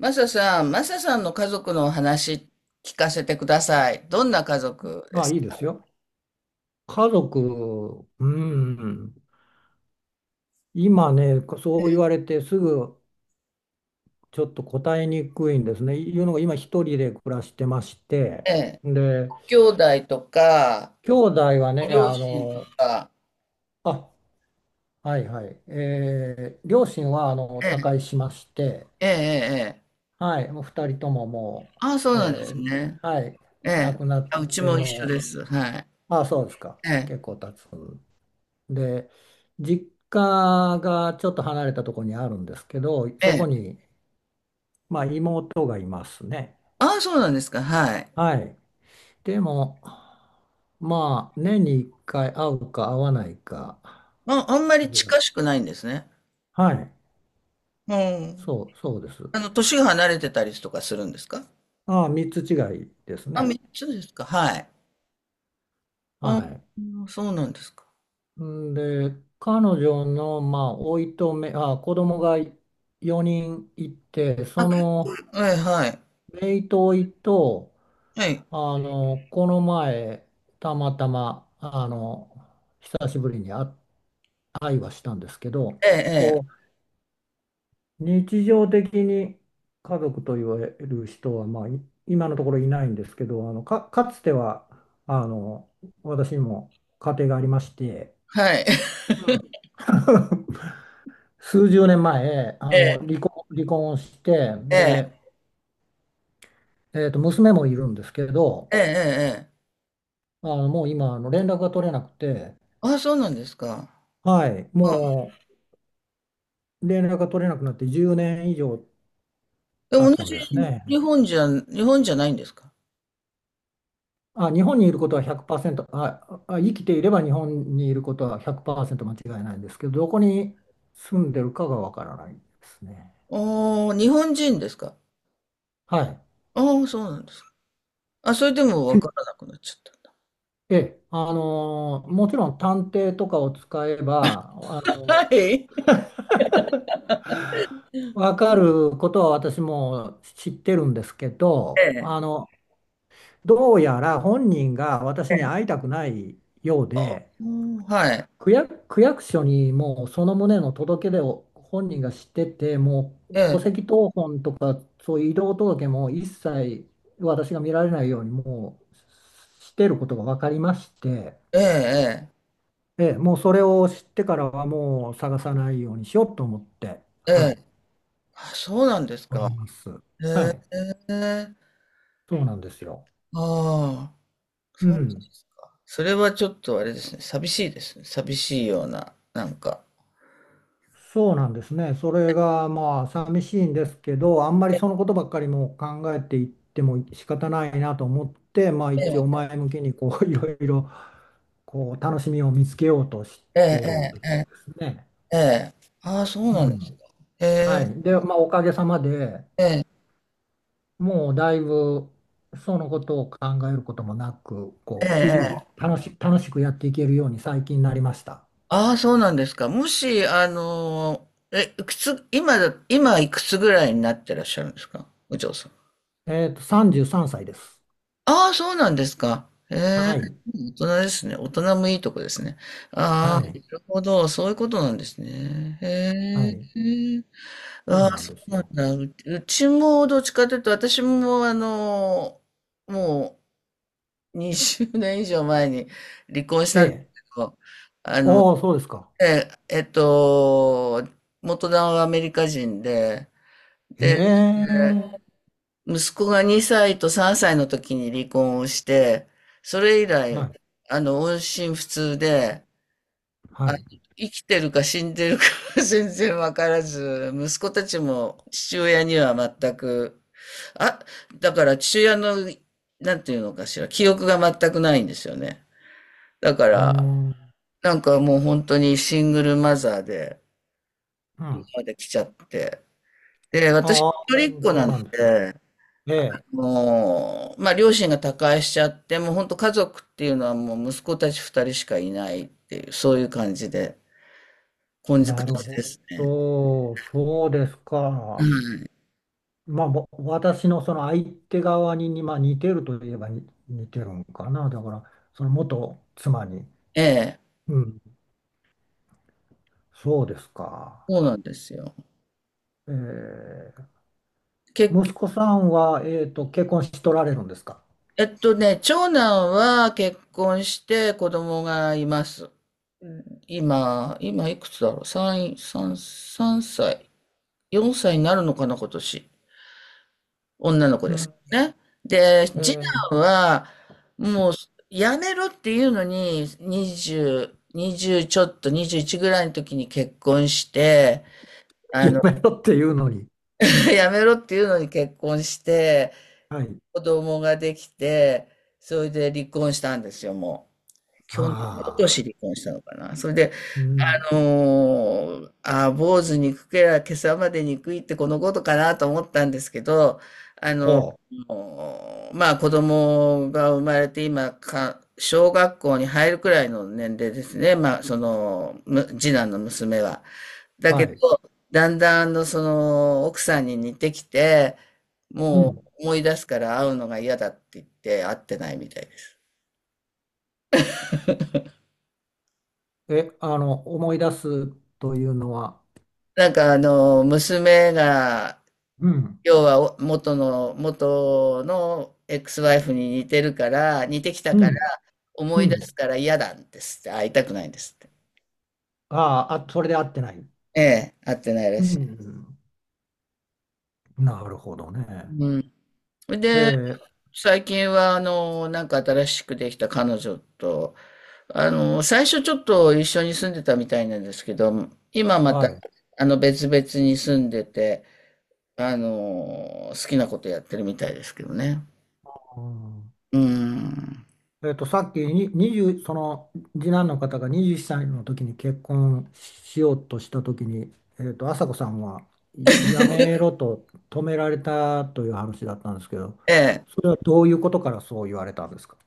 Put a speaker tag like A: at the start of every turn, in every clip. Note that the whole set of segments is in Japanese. A: マサさん、マサさんの家族のお話聞かせてください。どんな家族で
B: まあ、
A: す
B: い
A: か
B: いですよ。家族、うん。今ね、そう言われてすぐちょっと答えにくいんですね。いうのが今一人で暮らしてまして。
A: ね
B: で、
A: 兄弟とか、
B: 兄弟は
A: ご
B: ね、
A: 両親とか。
B: あ、はいはい。両親は他
A: え
B: 界しまして、
A: え、ええ、ええ。
B: はい、もう二人ともも
A: ああ、そう
B: う、
A: なんですね。
B: はい、
A: え
B: 亡
A: え。
B: くなっ
A: あ、うち
B: て
A: も一緒で
B: も
A: す。はい。
B: う、あ、そうですか。
A: ええ、
B: 結構経つ。で、実家がちょっと離れたところにあるんですけど、そ
A: え
B: こ
A: え。
B: に、まあ、妹がいますね。
A: ああ、そうなんですか。はい。
B: はい。でも、まあ、年に1回会うか会わないか
A: あ、あんまり
B: ぐら
A: 近し
B: い。
A: くないんですね。
B: はい。
A: うん。
B: そうです。
A: 年が離れてたりとかするんですか？
B: ああ、3つ違いです
A: あ、
B: ね。
A: 三つですか。はい。あ、
B: は
A: そうなんですか。
B: い。んで、彼女の、まあ、おいとめ、あ、子供が4人いて、
A: あ、
B: その、
A: ええ、はい。
B: 姪とおいと、
A: はい。
B: この前、たまたま、久しぶりに会話したんですけど、
A: ええ、え
B: こ
A: え。
B: う、日常的に家族と言われる人は、まあ、今のところいないんですけど、か、かつては、あの、私も家庭がありまして、
A: はい。
B: うん 数十年前、
A: ええ、
B: 離婚をして、
A: ええ、
B: で、娘もいるんですけど、
A: ええええええ。
B: もう今、連絡が取れなくて、
A: あ、そうなんですか。
B: はい、
A: うん。
B: もう、連絡が取れなくなって10年以上
A: でも
B: 経
A: 同
B: つんです
A: じ
B: ね。
A: 日本じゃ、日本じゃないんですか？
B: あ、日本にいることは100%、あ、あ、生きていれば日本にいることは100%間違いないんですけど、どこに住んでるかがわからないですね。
A: おー日本人ですか？
B: はい。
A: ああ、そうなんですか。あ、それでもわからなくなっちゃ
B: ええ、もちろん探偵とかを使えば、
A: った。はい。
B: わかることは私も知ってるんですけ
A: え
B: ど、
A: え、
B: どうやら本人が私
A: え
B: に
A: え。
B: 会いたくないようで、
A: うん、はい。
B: 区役所にもうその旨の届け出を本人が知ってて、もう
A: え
B: 戸
A: え、
B: 籍謄本とか、そういう移動届も一切私が見られないように、もうしてることが分かりまして、
A: ええ、
B: ええ、もうそれを知ってからはもう探さないようにしようと思って、
A: ええ、え
B: は
A: え。
B: い、
A: あ、そうなんです
B: お
A: か。
B: ります。はい、
A: ええ。
B: そうなんですよ。
A: ああ、
B: う
A: そう、
B: ん。
A: それはちょっとあれですね。寂しいですね。寂しいような、なんか。
B: そうなんですね。それがまあ寂しいんですけど、あんまりそのことばっかりもう考えていっても仕方ないなと思って、まあ
A: え
B: 一応
A: え、
B: 前向きにこう いろいろこう楽しみを見つけようとしてる
A: え
B: とこ
A: え、
B: ろですね。
A: ええ。ええ、ああ、そう
B: う
A: なんですか。
B: ん。
A: え
B: は
A: え、
B: い。で、まあおかげさまで
A: ええ。
B: もうだいぶそのことを考えることもなく、
A: ええ、
B: こう日
A: ええ。
B: 々楽しくやっていけるように最近になりました。
A: ああ、そうなんですか。もし、あの、え、いくつ、今だ、今いくつぐらいになってらっしゃるんですか、お嬢さん。
B: えっと、33歳です。
A: ああ、そうなんですか。ええ、
B: はい。
A: 大人ですね。大人もいいとこですね。あ
B: は
A: あ、な
B: い。
A: るほど。そういうことなんですね。へ
B: はい。
A: え。
B: そ
A: あ
B: う
A: あ、
B: なん
A: そ
B: で
A: う
B: す
A: なん
B: よ。
A: だ。うちもどっちかというと、私も、もう20年以上前に離婚し
B: え
A: たんで
B: え。
A: すけど、
B: ああそうですか。
A: ええっと、元旦はアメリカ人で、
B: え
A: で、
B: え。
A: 息子が2歳と3歳の時に離婚をして、それ以来、
B: はい。
A: 音信不通で、
B: は
A: あ、
B: い。う
A: 生きてるか死んでるか 全然わからず、息子たちも父親には全く、あ、だから父親の、なんていうのかしら、記憶が全くないんですよね。だか
B: ー
A: ら、
B: ん。
A: なんかもう本当にシングルマザーで
B: うん。あ
A: まで来ちゃって、で、私、
B: あ、
A: 一人っ子
B: そ
A: な
B: う
A: の
B: なんです。
A: で、
B: ええ。
A: もう、まあ、両親が他界しちゃって、もう本当家族っていうのはもう息子たち二人しかいないっていう、そういう感じで、根付
B: なる
A: 感じ
B: ほ
A: ですね。
B: ど。そうです
A: は
B: か。
A: い。
B: まあ、私のその相手側に、まあ、似てるといえばに似てるんかな。だから、その元妻に。
A: ええ、
B: うん。そうですか。
A: そうなんですよ。
B: ええ。
A: 結局、
B: 息子さんは、えっと、結婚しとられるんですか？
A: 長男は結婚して子供がいます。うん、今、今いくつだろう ?3、三三歳。4歳になるのかな、今年。女
B: うん。
A: ね。で、次
B: え
A: 男は、もう、やめろっていうのに、20ちょっと、21ぐらいの時に結婚して、
B: え。
A: あ
B: や
A: の、
B: めろっていうのに。
A: やめろっていうのに結婚して、
B: はい。
A: 子供ができて、それで離婚したんですよ、もう。去年、今年
B: ああ。
A: 離婚したのかな。それで、
B: うん。
A: の、あー、坊主にくけりゃ今朝までにくいってこのことかなと思ったんですけど、あの、
B: ほう。
A: まあ子供が生まれて今か、小学校に入るくらいの年齢ですね。まあその、次男の娘は。だけ
B: はい。
A: ど、だんだんその奥さんに似てきて、
B: う
A: も
B: ん。
A: う思い出すから会うのが嫌だって言って会ってないみたいです。
B: え、思い出すというのは、
A: 娘が
B: うん、
A: 要は元のエクスワイフに似てるから、似てきた
B: う
A: から、
B: ん、う
A: 思い出
B: ん。
A: すから嫌なんですって、会いたくないんですって。
B: あーあ、それで合ってない。
A: ええ、会ってないら
B: う
A: しい。
B: ん。なるほどね。
A: うん。
B: え
A: で、
B: ー、
A: 最近は、なんか新しくできた彼女と、最初ちょっと一緒に住んでたみたいなんですけど、今ま
B: は
A: た、
B: い。
A: 別々に住んでて、好きなことやってるみたいですけどね。
B: うん
A: うん。
B: えっと、さっきに20、その次男の方が21歳の時に結婚しようとした時に、えっと、朝子さんはいやめろと止められたという話だったんですけど、
A: ええ。
B: それはどういうことからそう言われたんですか？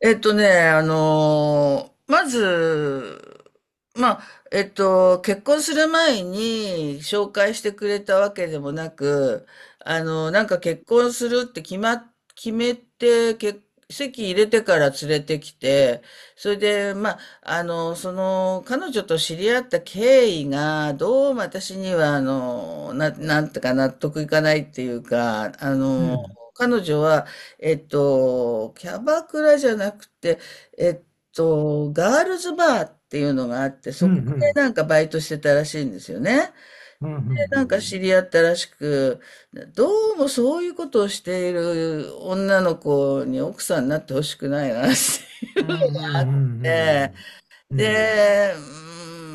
A: えっとね、あのーまず、まあ、えっと、結婚する前に紹介してくれたわけでもなく、なんか結婚するって決ま、決めて、結籍入れてから連れてきて、それで、まあ、彼女と知り合った経緯が、どうも私には、なんてか納得いかないっていうか、
B: うん、
A: 彼女は、キャバクラじゃなくて、えっガールズバーっていうのがあって、
B: うん、
A: そこ
B: う
A: で
B: ん
A: なんかバイトしてたらしいんですよね。
B: うんう
A: で、なんか
B: ん
A: 知り合ったらしく、どうもそういうことをしている女の子に奥さんになってほしくないなっ
B: うんうんう
A: て。
B: んうんうん
A: で、うー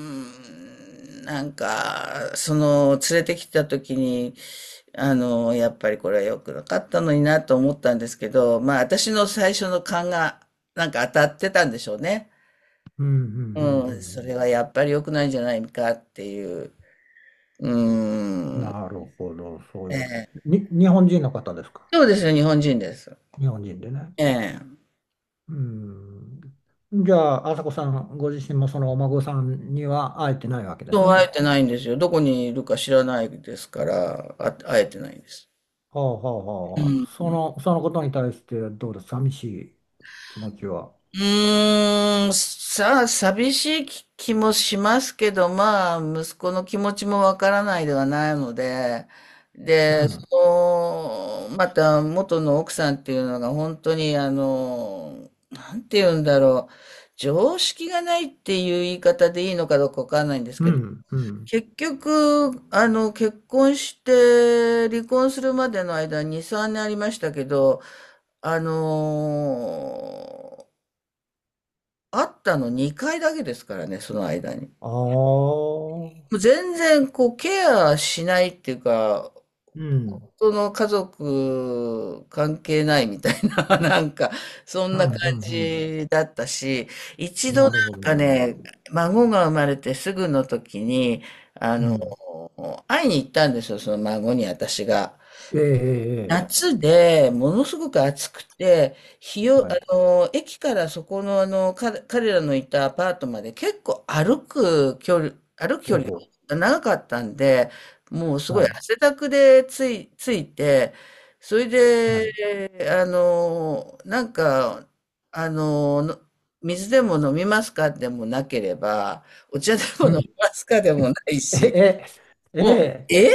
A: ん、なんか、その、連れてきた時に、やっぱりこれは良くなかったのになと思ったんですけど、まあ私の最初の勘がなんか当たってたんでしょうね。
B: うんうんうんうん
A: う
B: う
A: ん、
B: んう
A: それ
B: ん
A: はやっぱり良くないんじゃないかっていう。うん。
B: なるほど、そういうこと。
A: ええ、
B: に、日本人の方ですか？
A: そうですよ、日本人です。
B: 日本人でね。
A: ええ。
B: うん。じゃあ、朝子さんご自身もそのお孫さんには会えてないわけで
A: そ
B: す
A: う、会え
B: ね。
A: てないんですよ。どこにいるか知らないですから、あ、会えてないんです。
B: はあはあ
A: う
B: はあ。
A: ん、
B: その、そのことに対してどうです寂しい気持ちは。
A: うーん、さあ、寂しい気気もしますけど、まあ、息子の気持ちもわからないではないので、
B: う
A: で、
B: ん。
A: また元の奥さんっていうのが本当に、なんて言うんだろう、常識がないっていう言い方でいいのかどうかわかんないんです
B: う
A: けど、
B: ん。うん。
A: 結局、結婚して離婚するまでの間に3年ありましたけど、あの会ったの2回だけですからね、その間に。
B: ああ。
A: もう全然こうケアしないっていうか、
B: うん。
A: その家族関係ないみたいな、なんか、そん
B: うん。
A: な
B: う
A: 感
B: ん。
A: じだったし、
B: う
A: 一
B: ん。
A: 度な
B: なるほ
A: ん
B: ど、
A: か
B: なるほ
A: ね、
B: ど。
A: 孫が生まれてすぐの時に、あ
B: う
A: の、
B: ん。
A: 会いに行ったんですよ、その孫に私が。
B: ええ、ええ、ええ
A: 夏で、ものすごく暑くて、日を、
B: は
A: あ
B: い。
A: の、駅からそこの、彼らのいたアパートまで結構歩く距
B: ほう
A: 離
B: ほ
A: が長かったんで、もうす
B: う。
A: ごい
B: はい。
A: 汗だくでついて、それ
B: はい。
A: で、あの、の水でも飲みますかでもなければ、お茶でも
B: う
A: 飲み
B: ん。
A: ますかでもない
B: え
A: し、
B: え、え
A: もう、
B: え、
A: え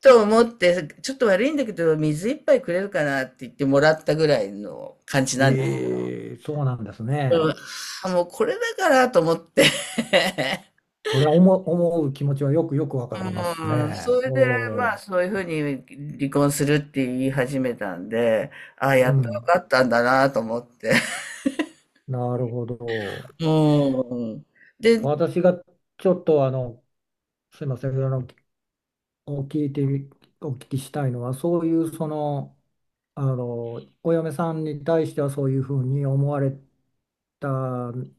A: と思って、ちょっと悪いんだけど、水一杯くれるかなって言ってもらったぐらいの感じなんです。
B: ええ、そうなんです
A: うん、
B: ね。
A: あ、もうこれだからと思って。
B: それは思う気持ちはよくよくわかります
A: うん、
B: ね。
A: それ
B: お
A: で、まあ、
B: お、
A: そういうふうに離婚するって言い始めたんで、ああ、
B: う
A: やっとよ
B: ん。
A: かったんだなと思って。
B: なるほど。
A: うん。で、うん。
B: 私がちょっとすいません、お聞いてみ、お聞きしたいのは、そういうその、あのお嫁さんに対してはそういうふうに思われた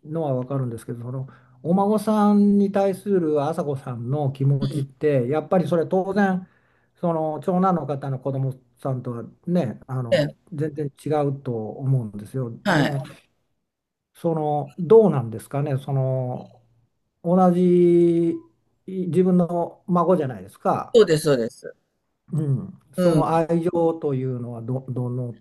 B: のは分かるんですけどそのお孫さんに対する朝子さんの気持ちってやっぱりそれ当然その長男の方の子供さんとはねあ
A: え
B: の
A: え、
B: 全然違うと思うんですよ。で
A: は
B: も
A: い。
B: そのどうなんですかねその同じ自分の孫じゃないですか。
A: そうです、そうです。
B: うん、そ
A: うん。
B: の愛情というのはどの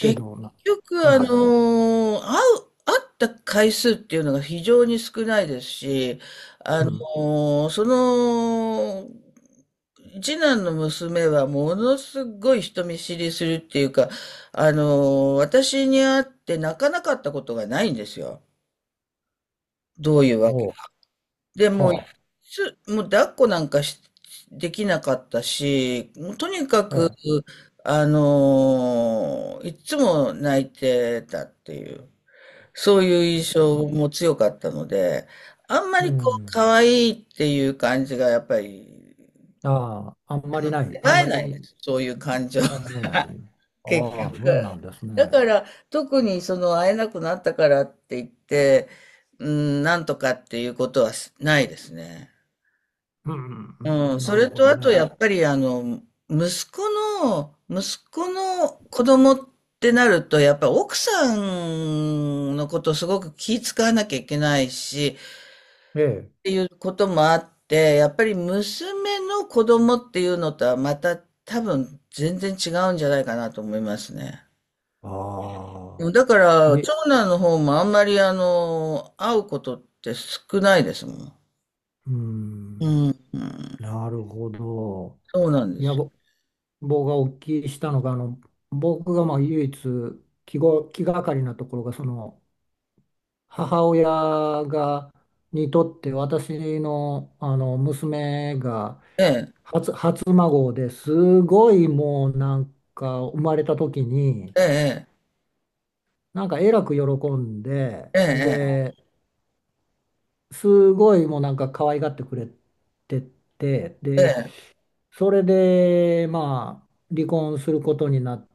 B: 程度な、
A: 局、
B: はい、
A: 会った回数っていうのが非常に少ないですし、
B: う
A: あの
B: ん、
A: ーその、次男の娘はものすごい人見知りするっていうか、あの私に会って泣かなかったことがないんですよ。どういうわけ。
B: ほ
A: で、
B: う、
A: もう、
B: は
A: もう抱っこなんかし、できなかったし、もうとにか
B: あ、え
A: く、
B: え、
A: いつも泣いてたっていう。そういう印象も強かったので、あんま
B: う
A: りこう、
B: ん、
A: 可愛いっていう感じがやっぱり、
B: ああ、あんまりない、あん
A: 会
B: ま
A: えないんで
B: り
A: す。そういう感情、
B: 思 えない。
A: 結
B: ああ、そう
A: 局。
B: なんです
A: だ
B: ね。
A: から、特にその会えなくなったからって言って、うん、なんとかっていうことはしないですね。
B: うん、う
A: うん、
B: んな
A: そ
B: る
A: れ
B: ほ
A: と
B: ど
A: あ
B: ね。
A: とやっぱり息子息子の子供ってなると、やっぱ奥さんのことをすごく気遣わなきゃいけないし、
B: ええ、
A: ていうこともあって、やっぱり娘の子供っていうのとはまた多分全然違うんじゃないかなと思いますね。
B: ああ、
A: だから、
B: いえ、
A: 長男の方もあんまりあの、会うことって少ないですもん。
B: う
A: う
B: ん、
A: ん、うん、
B: なるほど。
A: そうなんで
B: いや、
A: すよ。
B: 僕がお聞きしたのが、僕がまあ唯一気がかりなところが、その、母親が、にとって私の、あの娘が
A: ええ、
B: 初孫ですごいもうなんか生まれた時に
A: ええ、
B: なんかえらく喜んで
A: ええ、
B: ですごいもうなんか可愛がってくれてて
A: え
B: で
A: え、
B: それでまあ離婚することになっ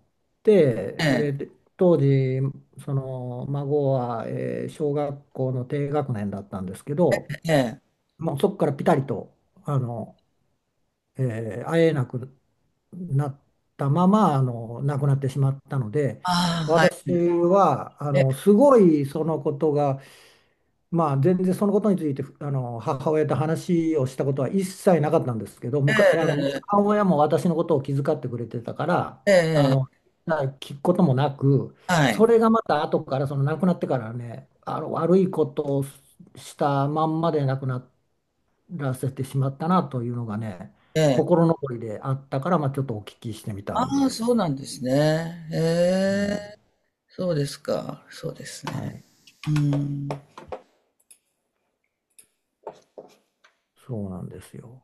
B: て
A: ええ、
B: で当時その孫は、えー小学校の低学年だったんですけど
A: ええ、
B: もうそこからピタリと、あの、えー会えなくなったまま、亡くなってしまったので、
A: ああ、はい、
B: 私は、
A: ええ、
B: すごいそのことが、まあ、全然そのことについて、母親と話をしたことは一切なかったんですけど、
A: え
B: むか、
A: え、
B: 母親も私のことを気遣ってくれてたから、
A: え
B: あ
A: え、
B: の、
A: ええ、
B: 聞くこともなく、
A: はい、
B: それがまた後から、その亡くなってからね、悪いことをしたまんまで亡くなっらせてしまったなというのがね、
A: ええ、
B: 心残りであったから、まあ、ちょっとお聞きしてみたん
A: ああ、
B: です。
A: そうなんですね。え
B: う
A: え、
B: ん、
A: そうですか、そうです
B: は
A: ね。
B: い、
A: うん。
B: そうなんですよ。